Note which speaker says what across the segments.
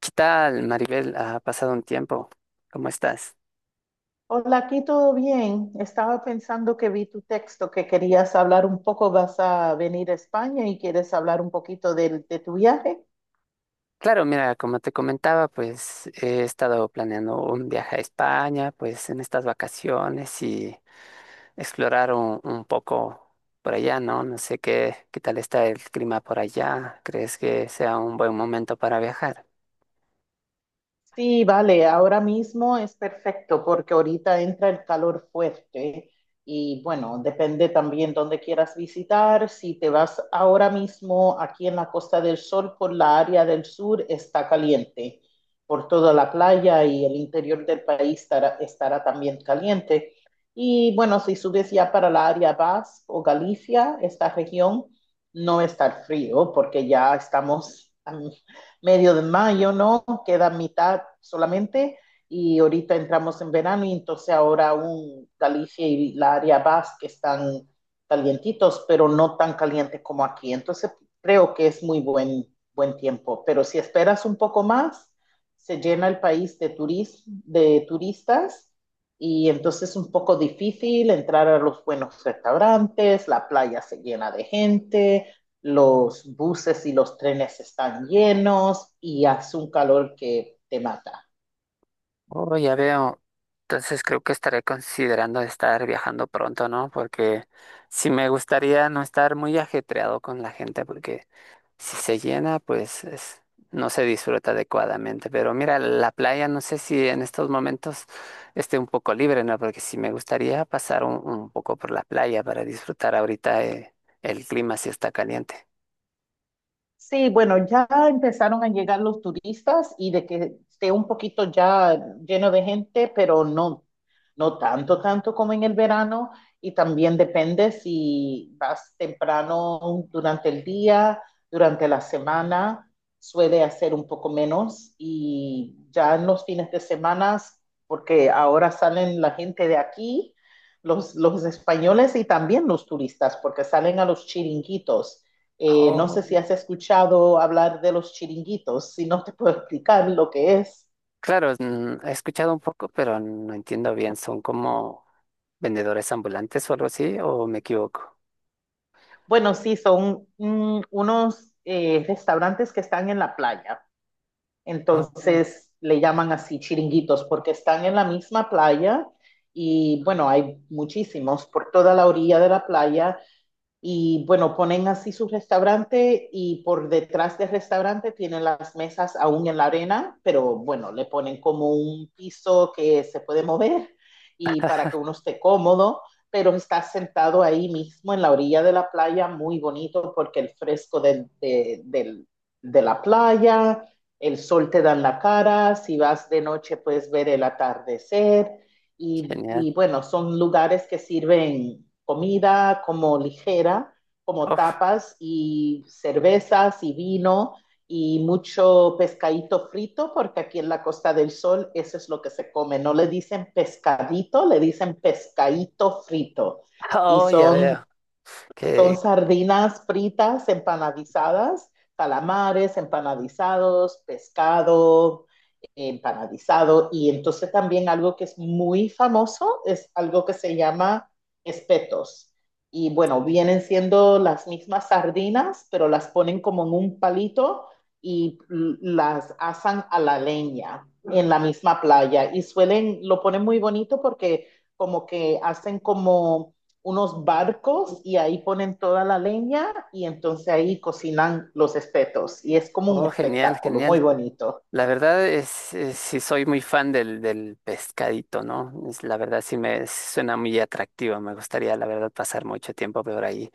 Speaker 1: ¿Qué tal, Maribel? Ha pasado un tiempo. ¿Cómo estás?
Speaker 2: Hola, aquí todo bien. Estaba pensando que vi tu texto, que querías hablar un poco, vas a venir a España y quieres hablar un poquito de tu viaje.
Speaker 1: Claro, mira, como te comentaba, pues he estado planeando un viaje a España, pues en estas vacaciones y explorar un poco por allá, ¿no? No sé qué tal está el clima por allá. ¿Crees que sea un buen momento para viajar?
Speaker 2: Sí, vale, ahora mismo es perfecto porque ahorita entra el calor fuerte y bueno, depende también dónde quieras visitar. Si te vas ahora mismo aquí en la Costa del Sol por la área del sur, está caliente. Por toda la playa y el interior del país estará también caliente. Y bueno, si subes ya para la área Basque o Galicia, esta región no está frío porque ya estamos medio de mayo, ¿no? Queda mitad solamente y ahorita entramos en verano y entonces ahora aún Galicia y la área basque están calientitos, pero no tan caliente como aquí. Entonces creo que es buen tiempo, pero si esperas un poco más, se llena el país de, de turistas y entonces es un poco difícil entrar a los buenos restaurantes, la playa se llena de gente, los buses y los trenes están llenos y hace un calor que te mata.
Speaker 1: Oh, ya veo. Entonces creo que estaré considerando estar viajando pronto, ¿no? Porque sí me gustaría no estar muy ajetreado con la gente, porque si se llena, pues no se disfruta adecuadamente. Pero mira, la playa no sé si en estos momentos esté un poco libre, ¿no? Porque sí me gustaría pasar un poco por la playa para disfrutar ahorita el clima si está caliente.
Speaker 2: Sí, bueno, ya empezaron a llegar los turistas y de que esté un poquito ya lleno de gente, pero no, no tanto como en el verano. Y también depende si vas temprano durante el día, durante la semana, suele hacer un poco menos. Y ya en los fines de semana, porque ahora salen la gente de aquí, los españoles y también los turistas, porque salen a los chiringuitos no
Speaker 1: Oh,
Speaker 2: sé si has escuchado hablar de los chiringuitos, si no te puedo explicar lo que es.
Speaker 1: claro, mm, he escuchado un poco, pero no entiendo bien. ¿Son como vendedores ambulantes o algo así? ¿O me equivoco?
Speaker 2: Bueno, sí, son mm, unos restaurantes que están en la playa.
Speaker 1: Oh,
Speaker 2: Entonces le llaman así chiringuitos porque están en la misma playa. Y bueno, hay muchísimos por toda la orilla de la playa. Y bueno, ponen así su restaurante y por detrás del restaurante tienen las mesas aún en la arena, pero bueno, le ponen como un piso que se puede mover y para que uno esté cómodo, pero está sentado ahí mismo en la orilla de la playa, muy bonito porque el fresco de la playa, el sol te da en la cara, si vas de noche puedes ver el atardecer
Speaker 1: genial.
Speaker 2: y bueno, son lugares que sirven comida como ligera, como
Speaker 1: Oh,
Speaker 2: tapas y cervezas y vino y mucho pescadito frito, porque aquí en la Costa del Sol eso es lo que se come. No le dicen pescadito, le dicen pescadito frito. Y
Speaker 1: oh, ya veo.
Speaker 2: son
Speaker 1: Que,
Speaker 2: sardinas fritas, empanadizadas, calamares empanadizados, pescado empanadizado. Y entonces también algo que es muy famoso es algo que se llama espetos. Y bueno, vienen siendo las mismas sardinas, pero las ponen como en un palito y las asan a la leña en la misma playa. Y suelen, lo ponen muy bonito porque como que hacen como unos barcos y ahí ponen toda la leña y entonces ahí cocinan los espetos y es como un
Speaker 1: oh, genial,
Speaker 2: espectáculo
Speaker 1: genial.
Speaker 2: muy bonito.
Speaker 1: La verdad sí soy muy fan del pescadito, ¿no? Es, la verdad sí me suena muy atractivo. Me gustaría, la verdad, pasar mucho tiempo por ahí.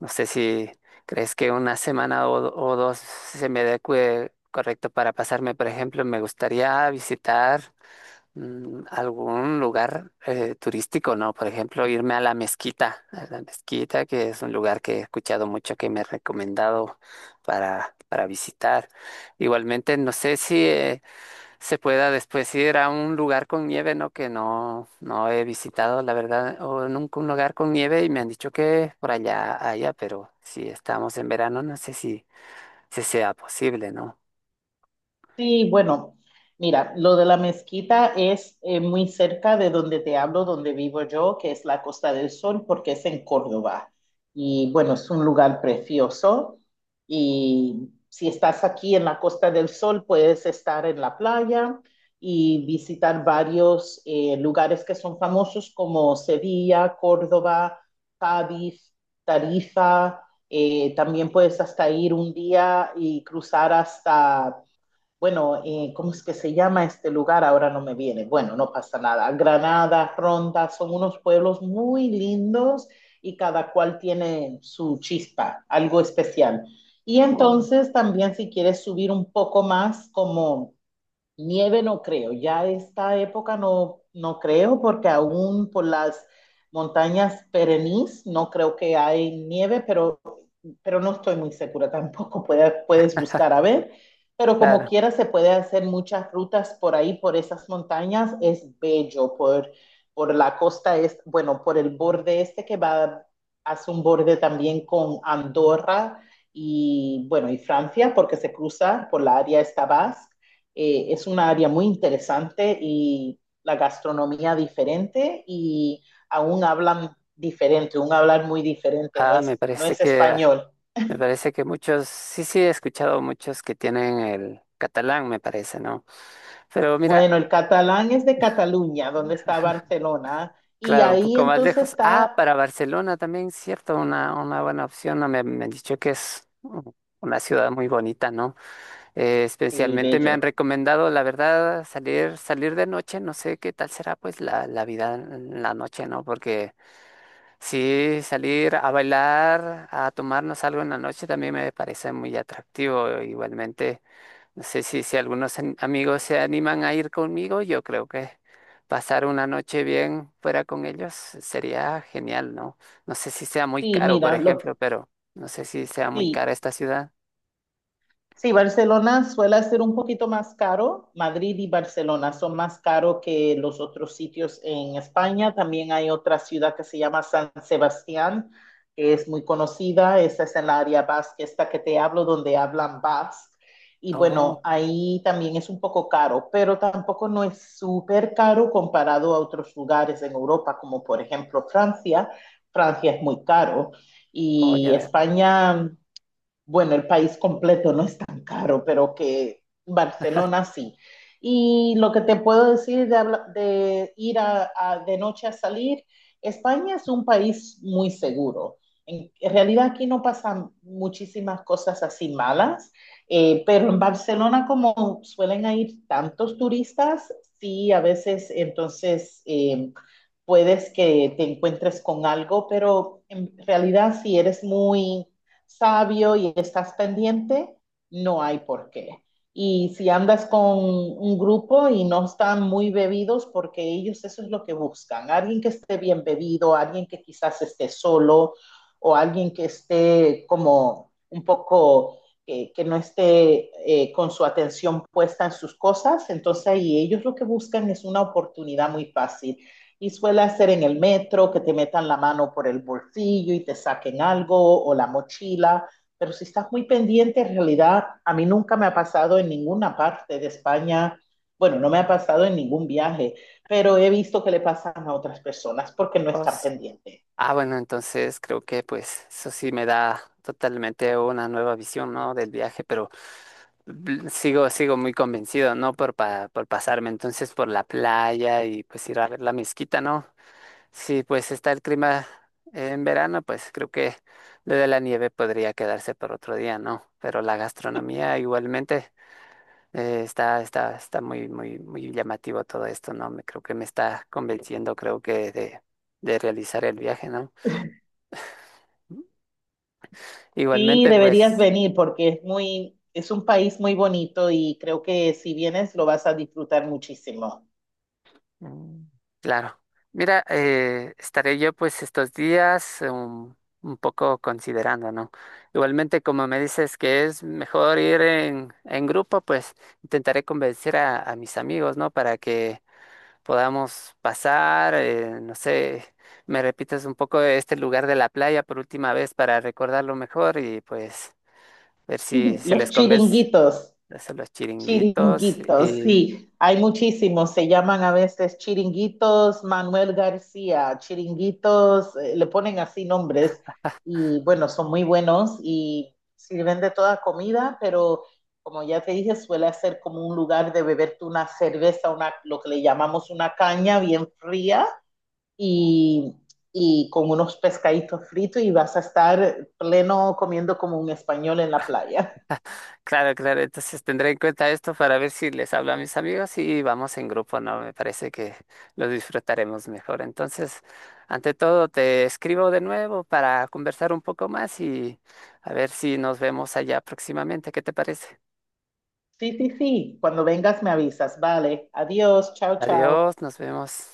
Speaker 1: No sé si crees que una semana o, o dos se me adecue correcto para pasarme, por ejemplo, me gustaría visitar. Mm, algún lugar turístico, ¿no? Por ejemplo, irme a la mezquita, que es un lugar que he escuchado mucho que me he recomendado para visitar. Igualmente, no sé si se pueda después ir a un lugar con nieve, ¿no? Que no he visitado, la verdad, o nunca un lugar con nieve y me han dicho que por allá haya, pero si estamos en verano, no sé si sea posible, ¿no?
Speaker 2: Sí, bueno, mira, lo de la mezquita es muy cerca de donde te hablo, donde vivo yo, que es la Costa del Sol, porque es en Córdoba. Y bueno, es un lugar precioso. Y si estás aquí en la Costa del Sol, puedes estar en la playa y visitar varios lugares que son famosos como Sevilla, Córdoba, Cádiz, Tarifa. También puedes hasta ir un día y cruzar hasta bueno, ¿cómo es que se llama este lugar? Ahora no me viene. Bueno, no pasa nada. Granada, Ronda, son unos pueblos muy lindos y cada cual tiene su chispa, algo especial. Y
Speaker 1: Oh,
Speaker 2: entonces también si quieres subir un poco más, como nieve no creo, ya esta época no, no creo, porque aún por las montañas perenís no creo que hay nieve, pero no estoy muy segura tampoco. Puedes buscar a ver, pero como
Speaker 1: claro.
Speaker 2: quiera se puede hacer muchas rutas por ahí, por esas montañas, es bello, por la costa, es, bueno, por el borde este que va, hace un borde también con Andorra y bueno, y Francia, porque se cruza por la área esta Basque. Es una área muy interesante y la gastronomía diferente y aún hablan diferente, un hablar muy diferente,
Speaker 1: Ah, me
Speaker 2: no
Speaker 1: parece
Speaker 2: es
Speaker 1: que
Speaker 2: español.
Speaker 1: me parece que muchos, sí, sí, he escuchado muchos que tienen el catalán, me parece, ¿no? Pero mira,
Speaker 2: Bueno, el catalán es de Cataluña, donde está Barcelona, y
Speaker 1: claro, un
Speaker 2: ahí
Speaker 1: poco más
Speaker 2: entonces
Speaker 1: lejos. Ah,
Speaker 2: está,
Speaker 1: para Barcelona también, cierto, una buena opción. No, me han dicho que es una ciudad muy bonita, ¿no?
Speaker 2: sí,
Speaker 1: Especialmente me han
Speaker 2: bello,
Speaker 1: recomendado, la verdad, salir, salir de noche. No sé qué tal será, pues, la vida en la noche, ¿no? Porque sí, salir a bailar, a tomarnos algo en la noche también me parece muy atractivo. Igualmente. No sé si algunos amigos se animan a ir conmigo, yo creo que pasar una noche bien fuera con ellos sería genial, ¿no? No sé si sea muy
Speaker 2: sí,
Speaker 1: caro, por
Speaker 2: mira, lo que,
Speaker 1: ejemplo, pero no sé si sea muy
Speaker 2: sí,
Speaker 1: cara esta ciudad.
Speaker 2: Sí, Barcelona suele ser un poquito más caro. Madrid y Barcelona son más caros que los otros sitios en España. También hay otra ciudad que se llama San Sebastián, que es muy conocida. Esta es en la área vasca, esta que te hablo, donde hablan vasco. Y
Speaker 1: Oh,
Speaker 2: bueno, ahí también es un poco caro, pero tampoco no es súper caro comparado a otros lugares en Europa, como por ejemplo Francia. Francia es muy caro.
Speaker 1: oh, ya
Speaker 2: Y
Speaker 1: veo.
Speaker 2: España bueno, el país completo no es tan caro, pero que Barcelona sí. Y lo que te puedo decir de ir de noche a salir, España es un país muy seguro. En realidad aquí no pasan muchísimas cosas así malas, pero en Barcelona como suelen ir tantos turistas, sí, a veces entonces puedes que te encuentres con algo, pero en realidad si eres muy sabio y estás pendiente, no hay por qué. Y si andas con un grupo y no están muy bebidos, porque ellos eso es lo que buscan, alguien que esté bien bebido, alguien que quizás esté solo o alguien que esté como un poco, que no esté con su atención puesta en sus cosas, entonces ahí ellos lo que buscan es una oportunidad muy fácil. Y suele hacer en el metro que te metan la mano por el bolsillo y te saquen algo o la mochila, pero si estás muy pendiente, en realidad a mí nunca me ha pasado en ninguna parte de España, bueno, no me ha pasado en ningún viaje, pero he visto que le pasan a otras personas porque no
Speaker 1: Oh,
Speaker 2: están
Speaker 1: sí.
Speaker 2: pendientes.
Speaker 1: Ah, bueno, entonces creo que pues eso sí me da totalmente una nueva visión, ¿no? Del viaje, pero sigo muy convencido, ¿no? Por pasarme entonces por la playa y pues ir a ver la mezquita, ¿no? Si pues está el clima en verano, pues creo que lo de la nieve podría quedarse por otro día, ¿no? Pero la gastronomía igualmente está muy, muy, muy llamativo todo esto, ¿no? Creo que me está convenciendo, creo de realizar el viaje, ¿no?
Speaker 2: Sí,
Speaker 1: Igualmente,
Speaker 2: deberías
Speaker 1: pues.
Speaker 2: venir porque es un país muy bonito y creo que si vienes lo vas a disfrutar muchísimo.
Speaker 1: Mm, claro. Mira, estaré yo pues estos días poco considerando, ¿no? Igualmente, como me dices que es mejor ir en grupo, pues intentaré convencer a mis amigos, ¿no? Para que podamos pasar, no sé, me repitas un poco este lugar de la playa por última vez para recordarlo mejor y pues ver si
Speaker 2: Los
Speaker 1: les convence.
Speaker 2: chiringuitos.
Speaker 1: Hacer los chiringuitos.
Speaker 2: Chiringuitos, sí, hay muchísimos, se llaman a veces chiringuitos Manuel García, chiringuitos, le ponen así nombres y bueno, son muy buenos y sirven de toda comida, pero como ya te dije, suele ser como un lugar de beberte una cerveza, una, lo que le llamamos una caña bien fría y, y con unos pescaditos fritos y vas a estar pleno comiendo como un español en la playa.
Speaker 1: Claro, claro, entonces tendré en cuenta esto para ver si les hablo a mis amigos y vamos en grupo, ¿no? Me parece que lo disfrutaremos mejor. Entonces, ante todo, te escribo de nuevo para conversar un poco más y a ver si nos vemos allá próximamente. ¿Qué te parece?
Speaker 2: Sí, sí, sí. Cuando vengas me avisas. Vale. Adiós. Chao,
Speaker 1: Adiós,
Speaker 2: chao.
Speaker 1: nos vemos.